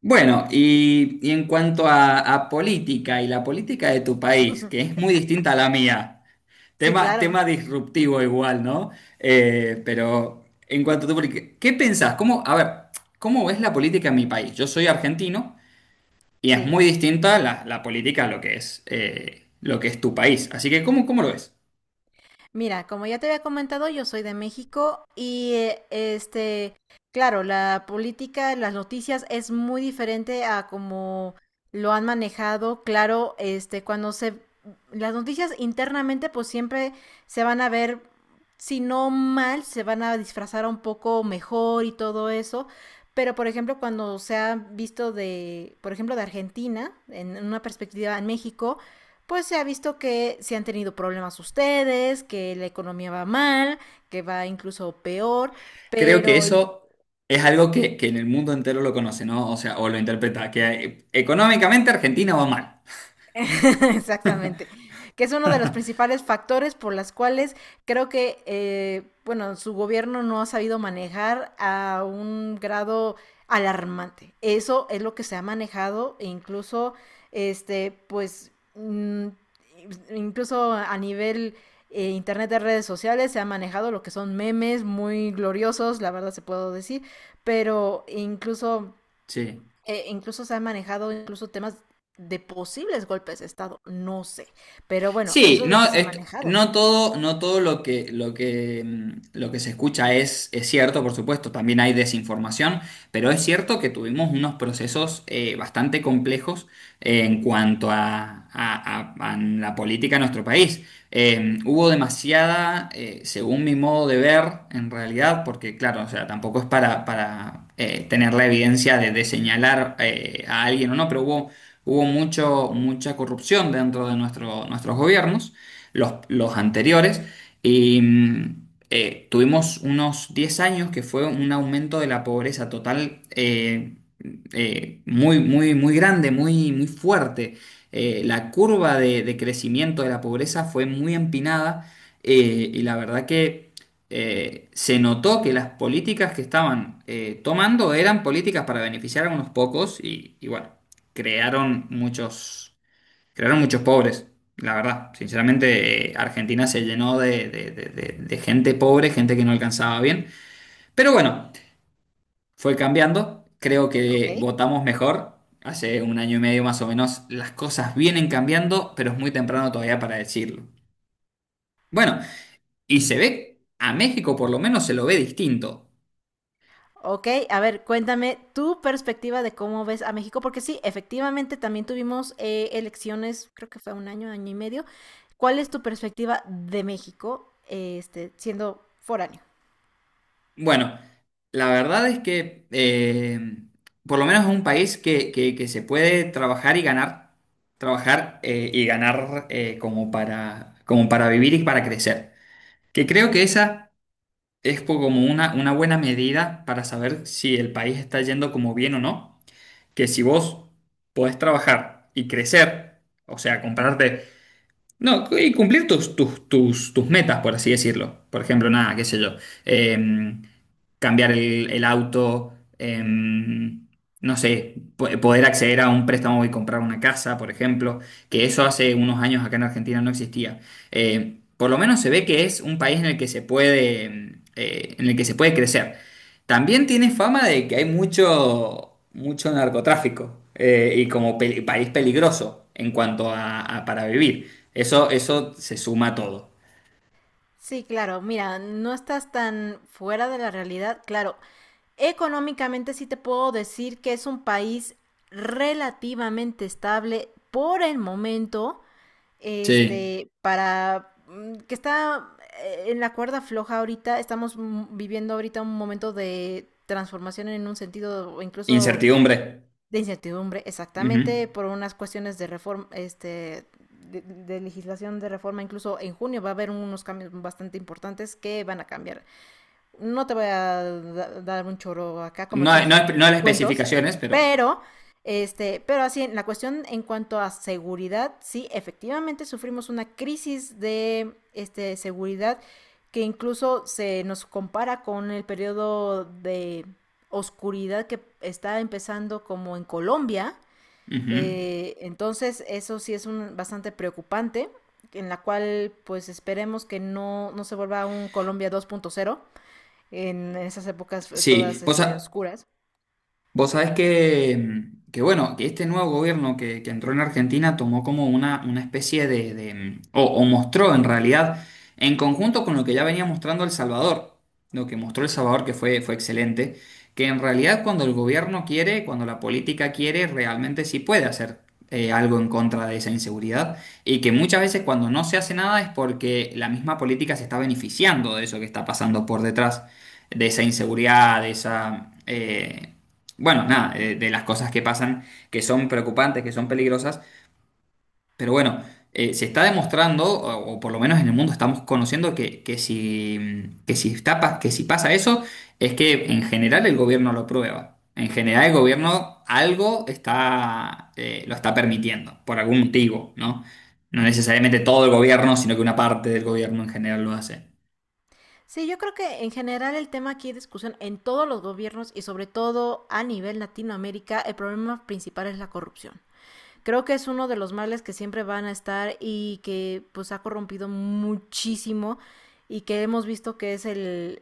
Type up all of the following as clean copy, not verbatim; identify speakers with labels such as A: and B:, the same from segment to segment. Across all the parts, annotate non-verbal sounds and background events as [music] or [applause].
A: Bueno, y en cuanto a política y la política de tu país, que es muy distinta a la mía,
B: Sí,
A: tema,
B: claro,
A: tema disruptivo igual, ¿no? Pero en cuanto a tu política, ¿qué pensás? A ver, ¿cómo, ves la política en mi país? Yo soy argentino y es
B: sí.
A: muy distinta la política a lo que es tu país. Así que, ¿cómo lo ves?
B: Mira, como ya te había comentado, yo soy de México y claro, la política, las noticias es muy diferente a como lo han manejado. Claro, cuando se, las noticias internamente, pues siempre se van a ver, si no mal, se van a disfrazar un poco mejor y todo eso. Pero, por ejemplo, cuando se ha visto de, por ejemplo, de Argentina, en una perspectiva en México, pues se ha visto que se han tenido problemas ustedes, que la economía va mal, que va incluso peor,
A: Creo que
B: pero
A: eso es algo que en el mundo entero lo conoce, ¿no? O sea, o lo interpreta, que económicamente Argentina va mal.
B: [laughs] exactamente. Que es uno de los principales factores por las cuales creo que, bueno, su gobierno no ha sabido manejar a un grado alarmante. Eso es lo que se ha manejado e incluso, este, pues, mm, incluso a nivel internet de redes sociales se ha manejado lo que son memes muy gloriosos, la verdad se puedo decir, pero incluso
A: Sí.
B: se han manejado incluso temas de posibles golpes de Estado, no sé. Pero bueno,
A: Sí,
B: eso es lo que
A: no,
B: se ha manejado,
A: no todo lo que se escucha es cierto, por supuesto, también hay desinformación, pero es cierto que tuvimos unos procesos bastante complejos en cuanto a la política de nuestro país. Hubo demasiada, según mi modo de ver, en realidad, porque claro, o sea, tampoco es para tener la evidencia de señalar a alguien o no, pero hubo mucho, mucha corrupción dentro de nuestros gobiernos, los anteriores, y tuvimos unos 10 años que fue un aumento de la pobreza total muy, muy, muy grande, muy, muy fuerte. La curva de crecimiento de la pobreza fue muy empinada y la verdad que se notó que las políticas que estaban tomando eran políticas para beneficiar a unos pocos y bueno, crearon muchos, crearon muchos pobres, la verdad. Sinceramente, Argentina se llenó de gente pobre, gente que no alcanzaba bien. Pero bueno, fue cambiando. Creo
B: ¿ok?
A: que votamos mejor. Hace un año y medio más o menos las cosas vienen cambiando, pero es muy temprano todavía para decirlo. Bueno, y se ve, a México por lo menos se lo ve distinto.
B: Ok, a ver, cuéntame tu perspectiva de cómo ves a México, porque sí, efectivamente también tuvimos elecciones, creo que fue un año, año y medio. ¿Cuál es tu perspectiva de México, siendo foráneo?
A: Bueno, la verdad es que por lo menos es un país que se puede trabajar y ganar como para vivir y para crecer. Que creo que esa es como una buena medida para saber si el país está yendo como bien o no. Que si vos podés trabajar y crecer, o sea, comprarte. No, y cumplir tus metas, por así decirlo. Por ejemplo, nada, qué sé yo. em, cambiar el, auto, em, no sé, poder acceder a un préstamo y comprar una casa, por ejemplo, que eso hace unos años acá en Argentina no existía. Por lo menos se ve que es un país en el que se puede crecer. También tiene fama de que hay mucho, mucho narcotráfico y como país peligroso en cuanto a para vivir. Eso se suma a todo.
B: Sí, claro, mira, no estás tan fuera de la realidad, claro, económicamente sí te puedo decir que es un país relativamente estable por el momento,
A: Sí.
B: que está en la cuerda floja ahorita, estamos viviendo ahorita un momento de transformación en un sentido o incluso
A: Incertidumbre.
B: de incertidumbre,
A: Ujú.
B: exactamente por unas cuestiones de reforma, de legislación de reforma, incluso en junio va a haber unos cambios bastante importantes que van a cambiar, no te voy a da- dar un choro acá, como
A: No, hay-
B: decimos,
A: no, hay-
B: un
A: no hay las
B: cuentos,
A: especificaciones, pero.
B: pero, pero así, en la cuestión en cuanto a seguridad, sí, efectivamente sufrimos una crisis de, seguridad que incluso se nos compara con el periodo de oscuridad que está empezando como en Colombia.
A: Ujú.
B: Entonces, eso sí es un, bastante preocupante, en la cual pues esperemos que no se vuelva un Colombia 2.0. En esas épocas fue
A: Sí,
B: todas
A: pues
B: este, oscuras.
A: vos sabés que, bueno, que este nuevo gobierno que entró en Argentina tomó como una, especie o mostró en realidad, en conjunto con lo que ya venía mostrando El Salvador, lo que mostró El Salvador que fue excelente, que en realidad cuando el gobierno quiere, cuando la política quiere, realmente sí puede hacer algo en contra de esa inseguridad y que muchas veces cuando no se hace nada es porque la misma política se está beneficiando de eso que está pasando por detrás de esa inseguridad, de esa, bueno, nada, de las cosas que pasan que son preocupantes, que son peligrosas, pero bueno, se está demostrando, o por lo menos en el mundo estamos conociendo que si pasa eso, es que en general el gobierno lo prueba. En general el gobierno algo está, lo está permitiendo, por algún motivo, ¿no? No necesariamente todo el gobierno, sino que una parte del gobierno en general lo hace.
B: Sí, yo creo que en general el tema aquí de discusión en todos los gobiernos y sobre todo a nivel Latinoamérica, el problema principal es la corrupción. Creo que es uno de los males que siempre van a estar y que pues ha corrompido muchísimo y que hemos visto que es el,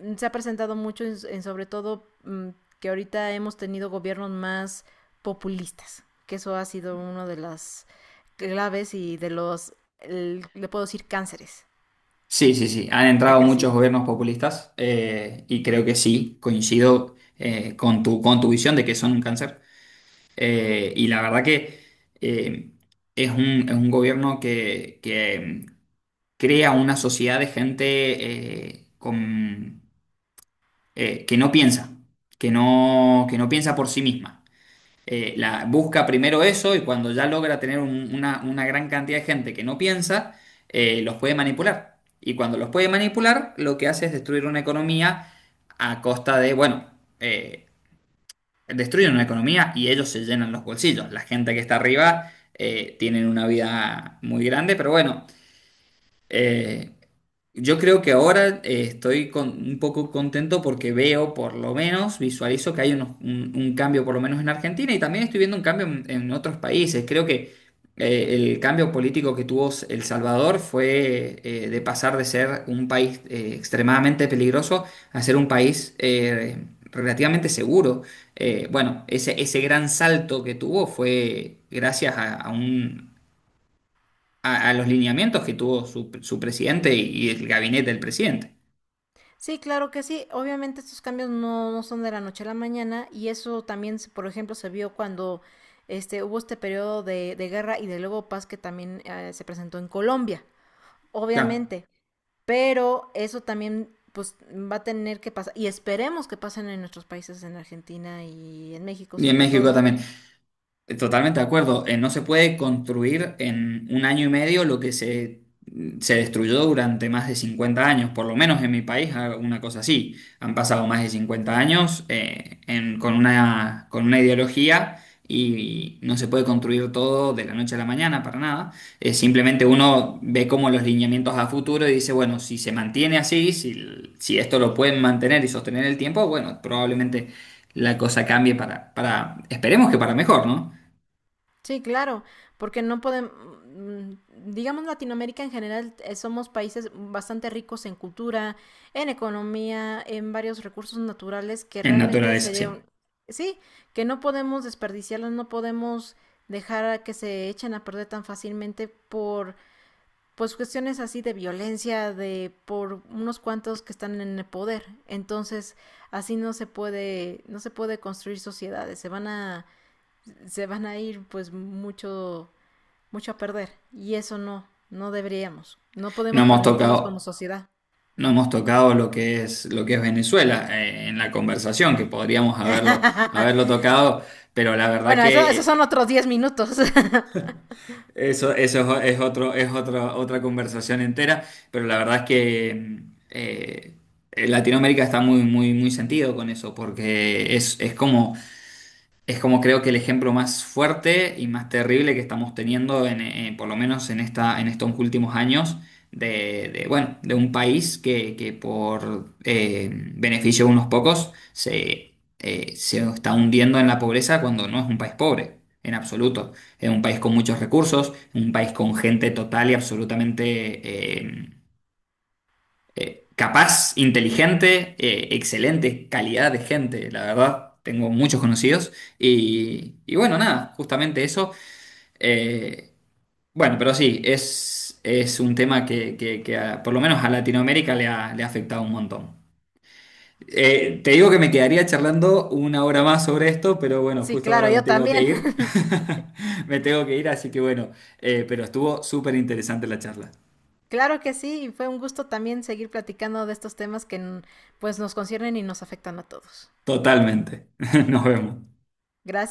B: se ha presentado mucho en sobre todo que ahorita hemos tenido gobiernos más populistas, que eso ha sido uno de las claves y le puedo decir, cánceres
A: Sí, sí, sí. Han
B: que ha
A: entrado muchos
B: crecido.
A: gobiernos populistas y creo que sí, coincido con tu visión de que son un cáncer. Y la verdad que eh, es un gobierno que mm, crea una sociedad de gente que no piensa, que no piensa por sí misma la, busca primero eso y cuando ya logra tener una gran cantidad de gente que no piensa, los puede manipular. Y cuando los puede manipular, lo que hace es destruir una economía a costa de, bueno, eh, destruyen una economía y ellos se llenan los bolsillos. La gente que está arriba tienen una vida muy grande, pero bueno, eh, yo creo que ahora estoy con, un poco contento porque veo, por lo menos, visualizo que hay un cambio, por lo menos en Argentina, y también estoy viendo un cambio en otros países. Creo que el cambio político que tuvo El Salvador fue de pasar de ser un país extremadamente peligroso a ser un país relativamente seguro. Bueno, ese gran salto que tuvo fue gracias a los lineamientos que tuvo su presidente y el gabinete del presidente.
B: Sí, claro que sí. Obviamente estos cambios no son de la noche a la mañana y eso también, por ejemplo, se vio cuando hubo este periodo de guerra y de luego paz que también se presentó en Colombia.
A: Claro.
B: Obviamente, pero eso también pues va a tener que pasar, y esperemos que pasen en nuestros países, en Argentina y en México
A: Y en
B: sobre
A: México
B: todo.
A: también. Totalmente de acuerdo. No se puede construir en un año y medio lo que se destruyó durante más de 50 años, por lo menos en mi país, ah, una cosa así. Han pasado más de 50 años con una ideología y no se puede construir todo de la noche a la mañana para nada. Simplemente uno ve como los lineamientos a futuro y dice, bueno, si se mantiene así, si esto lo pueden mantener y sostener el tiempo, bueno, probablemente la cosa cambie para, esperemos que para mejor, ¿no?
B: Sí, claro, porque no podemos, digamos Latinoamérica en general, somos países bastante ricos en cultura, en economía, en varios recursos naturales que
A: En
B: realmente
A: naturaleza,
B: sería un,
A: sí.
B: sí, que no podemos desperdiciarlos, no podemos dejar a que se echen a perder tan fácilmente por pues cuestiones así de violencia de por unos cuantos que están en el poder. Entonces, así no se puede construir sociedades, se van a ir pues mucho a perder y eso no deberíamos. No
A: No
B: podemos
A: hemos
B: permitirnos como
A: tocado,
B: sociedad.
A: no hemos tocado lo que es Venezuela en la conversación, que podríamos haberlo,
B: [laughs]
A: tocado, pero la verdad
B: Bueno, eso,
A: que
B: esos son otros 10 minutos. [laughs]
A: eso es otra conversación entera, pero la verdad es que Latinoamérica está muy, muy, muy sentido con eso, porque es como creo que el ejemplo más fuerte y más terrible que estamos teniendo, por lo menos en estos últimos años, bueno, de un país que por beneficio de unos pocos se está hundiendo en la pobreza cuando no es un país pobre, en absoluto. Es un país con muchos recursos, un país con gente total y absolutamente capaz, inteligente, excelente calidad de gente, la verdad. Tengo muchos conocidos y bueno, nada, justamente eso. Eh, bueno, pero sí, es un tema que por lo menos a Latinoamérica le ha afectado un montón. Te digo que me quedaría charlando una hora más sobre esto, pero bueno,
B: Sí,
A: justo
B: claro,
A: ahora me
B: yo
A: tengo que
B: también.
A: ir.
B: [laughs]
A: [laughs] Me tengo que ir, así que bueno, pero estuvo súper interesante la charla.
B: Claro que sí, y fue un gusto también seguir platicando de estos temas que pues nos conciernen y nos afectan a todos.
A: Totalmente. [laughs] Nos vemos.
B: Gracias.